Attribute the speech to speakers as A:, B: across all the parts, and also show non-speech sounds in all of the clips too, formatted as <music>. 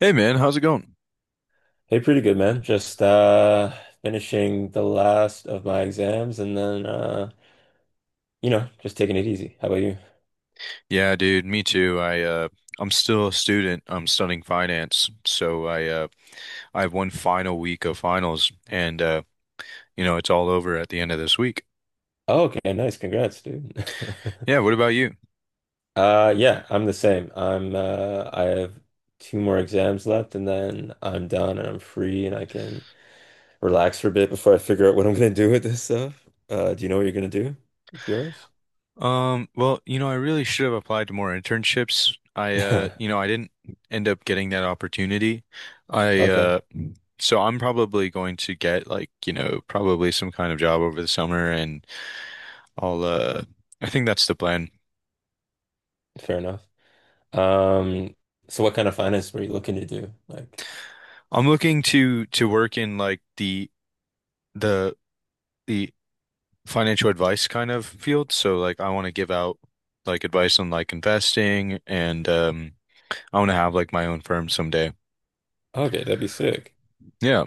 A: Hey man, how's it going?
B: Hey, pretty good, man. Just finishing the last of my exams and then just taking it easy. How about you?
A: Yeah, dude, me too. I'm still a student. I'm studying finance. So I have one final week of finals and it's all over at the end of this week.
B: Oh, okay, nice. Congrats, dude. <laughs>
A: Yeah, what about you?
B: Yeah, I'm the same. I have two more exams left and then I'm done and I'm free and I can relax for a bit before I figure out what I'm gonna do with this stuff. Do you know what you're gonna do with yours?
A: Well, I really should have applied to more internships. I uh
B: <laughs>
A: you know, I didn't end up getting that opportunity. I
B: Okay,
A: so I'm probably going to get like, probably some kind of job over the summer and I'll uh I think that's the plan.
B: fair enough. Um so what kind of finance were you looking to do? Like,
A: I'm looking to work in like the the financial advice kind of field. So like I want to give out like advice on like investing and I want to have like my own firm someday.
B: okay, that'd be sick.
A: Yeah.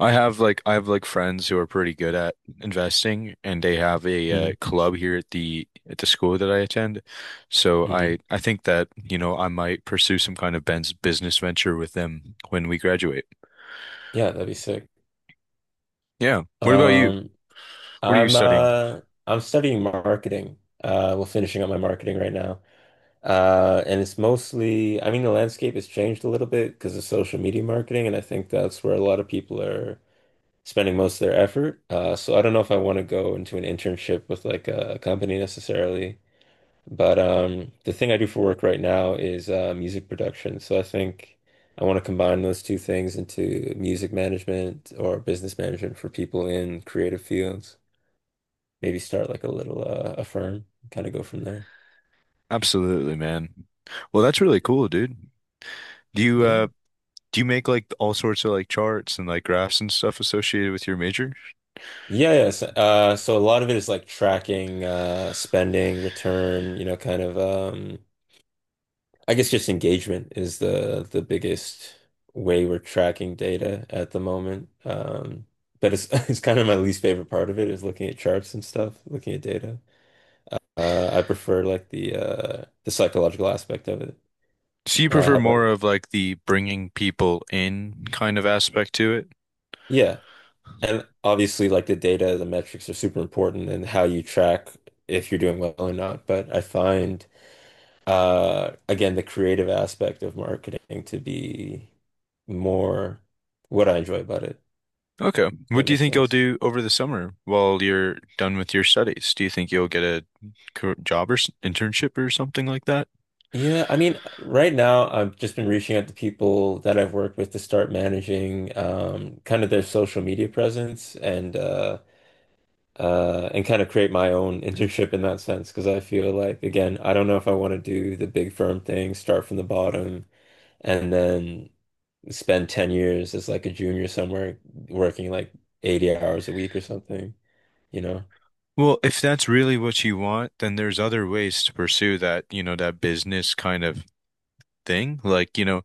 A: I have like friends who are pretty good at investing, and they have a club here at the school that I attend. So
B: Hmm.
A: I think that, I might pursue some kind of Ben's business venture with them when we graduate.
B: Yeah, that'd be sick.
A: Yeah. What about you?
B: Um,
A: What are you
B: I'm
A: studying?
B: uh I'm studying marketing. Well, finishing up my marketing right now. And it's mostly, I mean, the landscape has changed a little bit because of social media marketing, and I think that's where a lot of people are spending most of their effort. So I don't know if I want to go into an internship with like a company necessarily. But the thing I do for work right now is music production. So I think I want to combine those two things into music management or business management for people in creative fields. Maybe start like a little a firm, kind of go from there.
A: Absolutely, man. Well, that's really cool, dude. Do you uh
B: Yeah.
A: do you make like all sorts of like charts and like graphs and stuff associated with your major?
B: Yeah, yeah. So, so a lot of it is like tracking, spending, return, you know, kind of I guess just engagement is the biggest way we're tracking data at the moment. But it's <laughs> it's kind of my least favorite part of it is looking at charts and stuff, looking at data. I prefer like the psychological aspect of it.
A: So you
B: How
A: prefer
B: about
A: more
B: you?
A: of like the bringing people in kind of aspect to it?
B: Yeah, and obviously like the data, the metrics are super important and how you track if you're doing well or not. But I find again the creative aspect of marketing to be more what I enjoy about it.
A: Okay. What
B: That
A: do you
B: makes
A: think you'll
B: sense.
A: do over the summer while you're done with your studies? Do you think you'll get a job or internship or something like that?
B: Yeah, I mean, right now I've just been reaching out to people that I've worked with to start managing kind of their social media presence and kind of create my own <laughs> internship in that sense because I feel like again I don't know if I want to do the big firm thing, start from the bottom, and then spend 10 years as like a junior somewhere working like 80 hours a week or something, you know?
A: Well, if that's really what you want, then there's other ways to pursue that, that business kind of thing. Like,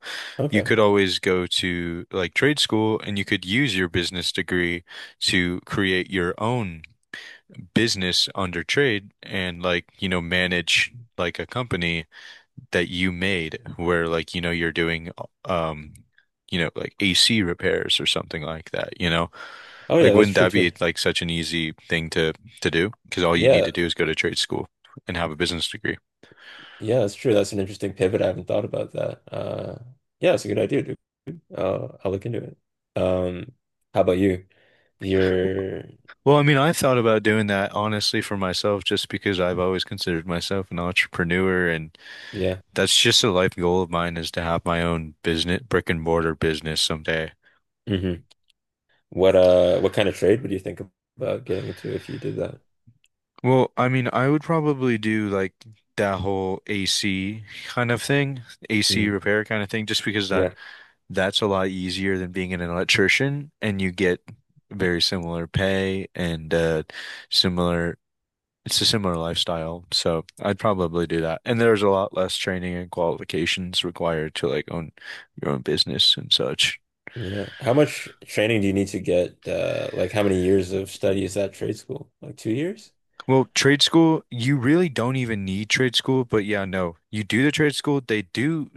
A: you
B: Okay.
A: could always go to like trade school, and you could use your business degree to create your own business under trade and like, manage like a company that you made where like you're doing um like AC repairs or something like that, you know?
B: Oh yeah,
A: Like
B: that's
A: wouldn't
B: true
A: that
B: too.
A: be like such an easy thing to do? Because all you need to
B: Yeah,
A: do is go to trade school and have a business degree.
B: yeah, that's true. That's an interesting pivot. I haven't thought about that. Yeah, it's a good idea, dude. I'll look into it. Um, how about you? You're,
A: Well, I mean, I thought about doing that honestly for myself just because I've always considered myself an entrepreneur, and
B: yeah.
A: that's just a life goal of mine is to have my own business, brick and mortar business someday.
B: Hmm. What kind of trade would you think about getting into if you did that?
A: Well, I mean, I would probably do like that whole AC kind of thing, AC
B: Mm,
A: repair kind of thing, just because that
B: yeah,
A: that's a lot easier than being an electrician, and you get very similar pay and similar it's a similar lifestyle. So I'd probably do that. And there's a lot less training and qualifications required to like own your own business and such.
B: yeah. How much training do you need to get? Like how many years of study is that trade school? Like 2 years?
A: Well, trade school, you really don't even need trade school, but yeah, no. You do the trade school, they do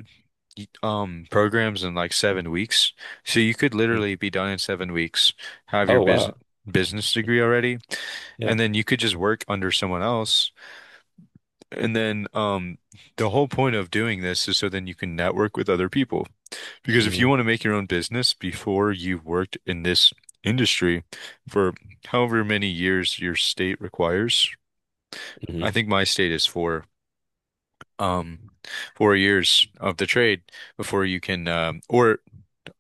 A: programs in like 7 weeks. So you could
B: Mm.
A: literally be done in 7 weeks, have your
B: Oh
A: business
B: wow.
A: business degree already,
B: Yeah.
A: and then you could just work under someone else. And then the whole point of doing this is so then you can network with other people. Because if you
B: Hmm.
A: want to make your own business before you've worked in this industry for however many years your state requires,
B: Hmm.
A: I think my state is um, 4 years of the trade before you can, or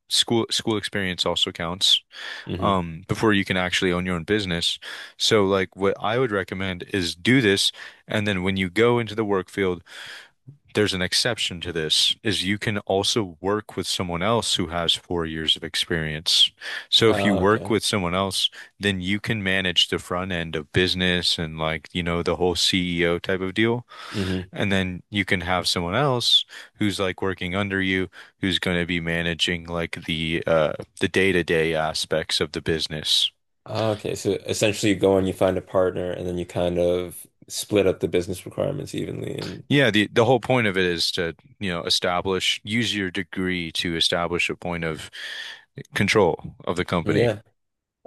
A: school experience also counts,
B: Hmm.
A: before you can actually own your own business. So, like, what I would recommend is do this, and then when you go into the work field, there's an exception to this, is you can also work with someone else who has 4 years of experience. So, if you work
B: Okay.
A: with someone else, then you can manage the front end of business and like, the whole CEO type of deal.
B: Hmm.
A: And then you can have someone else who's like working under you, who's going to be managing like the day-to-day aspects of the business.
B: Oh, okay, so essentially you go and you find a partner and then you kind of split up the business requirements evenly and
A: Yeah, the whole point of it is to, establish, use your degree to establish a point of control of the company.
B: yeah.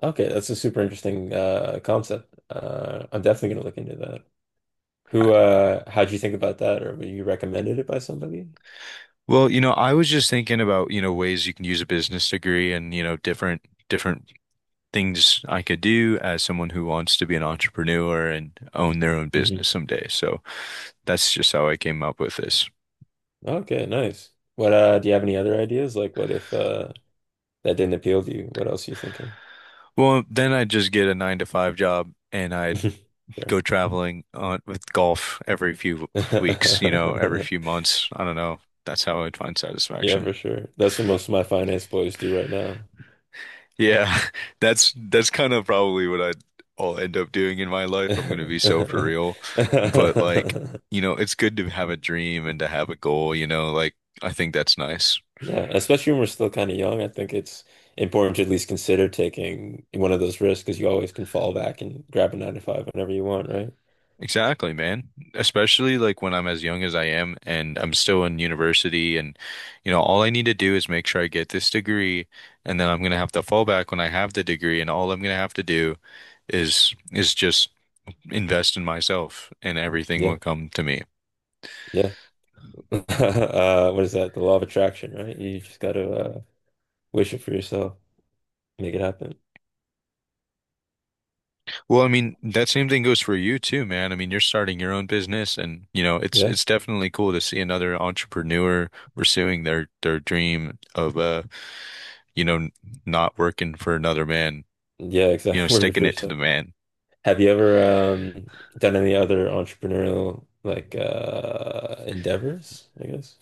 B: Okay, that's a super interesting concept. I'm definitely gonna look into that.
A: I-
B: Who how'd you think about that or were you recommended it by somebody?
A: Well, I was just thinking about, ways you can use a business degree, and, different things I could do as someone who wants to be an entrepreneur and own their own
B: Hmm.
A: business someday. So that's just how I came up with this.
B: Okay, nice. What do you have any other ideas? Like what if that didn't appeal to you? What else are you thinking?
A: Well, then I'd just get a 9-to-5 job, and I'd
B: <laughs> Sure.
A: go traveling on with golf every few weeks, every few
B: <laughs>
A: months. I don't know. That's how I'd find
B: Yeah,
A: satisfaction.
B: for sure. That's what most of my finance boys do right now.
A: Yeah, <laughs> that's kind of probably what I'd all end up doing in my life. I'm gonna be so for
B: <laughs>
A: real. But like, it's good to have a dream and to have a goal, like I think that's nice.
B: Yeah, especially when we're still kind of young, I think it's important to at least consider taking one of those risks because you always can fall back and grab a nine to five whenever you want, right?
A: Exactly, man. Especially like when I'm as young as I am and I'm still in university, and all I need to do is make sure I get this degree, and then I'm going to have to fall back when I have the degree, and all I'm going to have to do is just invest in myself and everything
B: Yeah,
A: will come to me.
B: yeah. <laughs> What is that? The law of attraction, right? You just got to wish it for yourself, make it happen.
A: Well, I mean, that same thing goes for you too, man. I mean, you're starting your own business, and it's
B: Yeah,
A: it's definitely cool to see another entrepreneur pursuing their dream of you know, not working for another man,
B: yeah, exactly. <laughs> Work it
A: sticking
B: for
A: it to the
B: yourself.
A: man.
B: Have you ever done any other entrepreneurial like endeavors, I guess?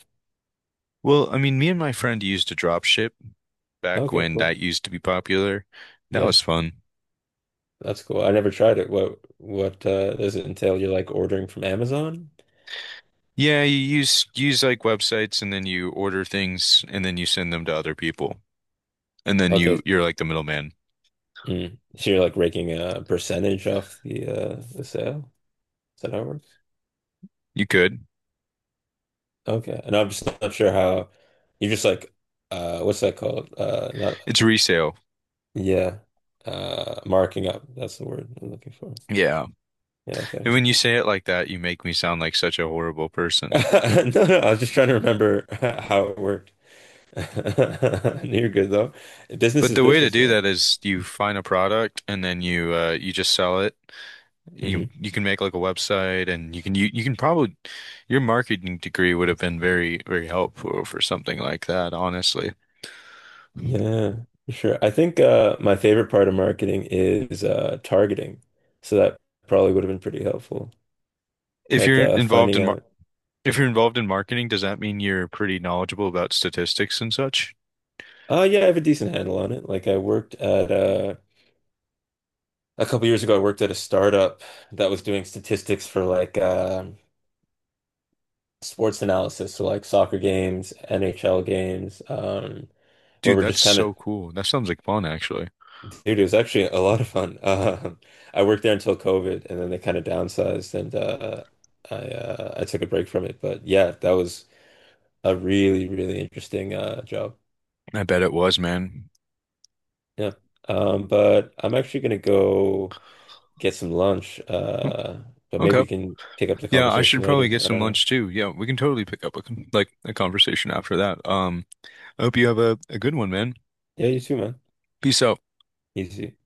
A: Well, I mean, me and my friend used to drop ship back
B: Okay,
A: when
B: cool.
A: that used to be popular. That
B: Yeah.
A: was fun.
B: That's cool. I never tried it. What does it entail? You're like ordering from Amazon?
A: Yeah, you use like websites, and then you order things and then you send them to other people. And then you
B: Okay.
A: you're like the middleman.
B: Mm. So you're like raking a percentage off the the sale? Is that how it works?
A: You could.
B: Okay. And I'm just not sure how you're just like what's that called? Not
A: It's resale.
B: yeah. Marking up. That's the word I'm looking for.
A: Yeah.
B: Yeah, okay.
A: And when you say it like that, you make me sound like such a horrible person.
B: <laughs> No, no, I was just trying to remember <laughs> how it worked. <laughs> You're good though. Business
A: But
B: is
A: the way to
B: business,
A: do
B: man.
A: that is you find a product, and then you just sell it. You
B: Mhm.
A: you can make like a website, and you can you, you can probably, your marketing degree would have been very very helpful for something like that, honestly.
B: Yeah, for sure. I think my favorite part of marketing is targeting. So that probably would have been pretty helpful.
A: If
B: Like
A: you're involved
B: finding
A: in mar
B: out,
A: if you're involved in marketing, does that mean you're pretty knowledgeable about statistics and such?
B: oh yeah, I have a decent handle on it. Like I worked at a couple years ago, I worked at a startup that was doing statistics for like sports analysis, so like soccer games, NHL games, where
A: Dude,
B: we're
A: that's
B: just kind of
A: so cool. That sounds like fun, actually.
B: dude, it was actually a lot of fun. <laughs> I worked there until COVID, and then they kind of downsized, and I took a break from it. But yeah, that was a really, really interesting job.
A: I bet it was, man.
B: Yeah. But I'm actually gonna go get some lunch.
A: Oh,
B: But maybe
A: okay.
B: we can pick up the
A: Yeah, I should
B: conversation later.
A: probably get
B: I
A: some
B: don't know.
A: lunch too. Yeah, we can totally pick up a conversation after that. I hope you have a good one, man.
B: Yeah, you too, man.
A: Peace out.
B: Easy.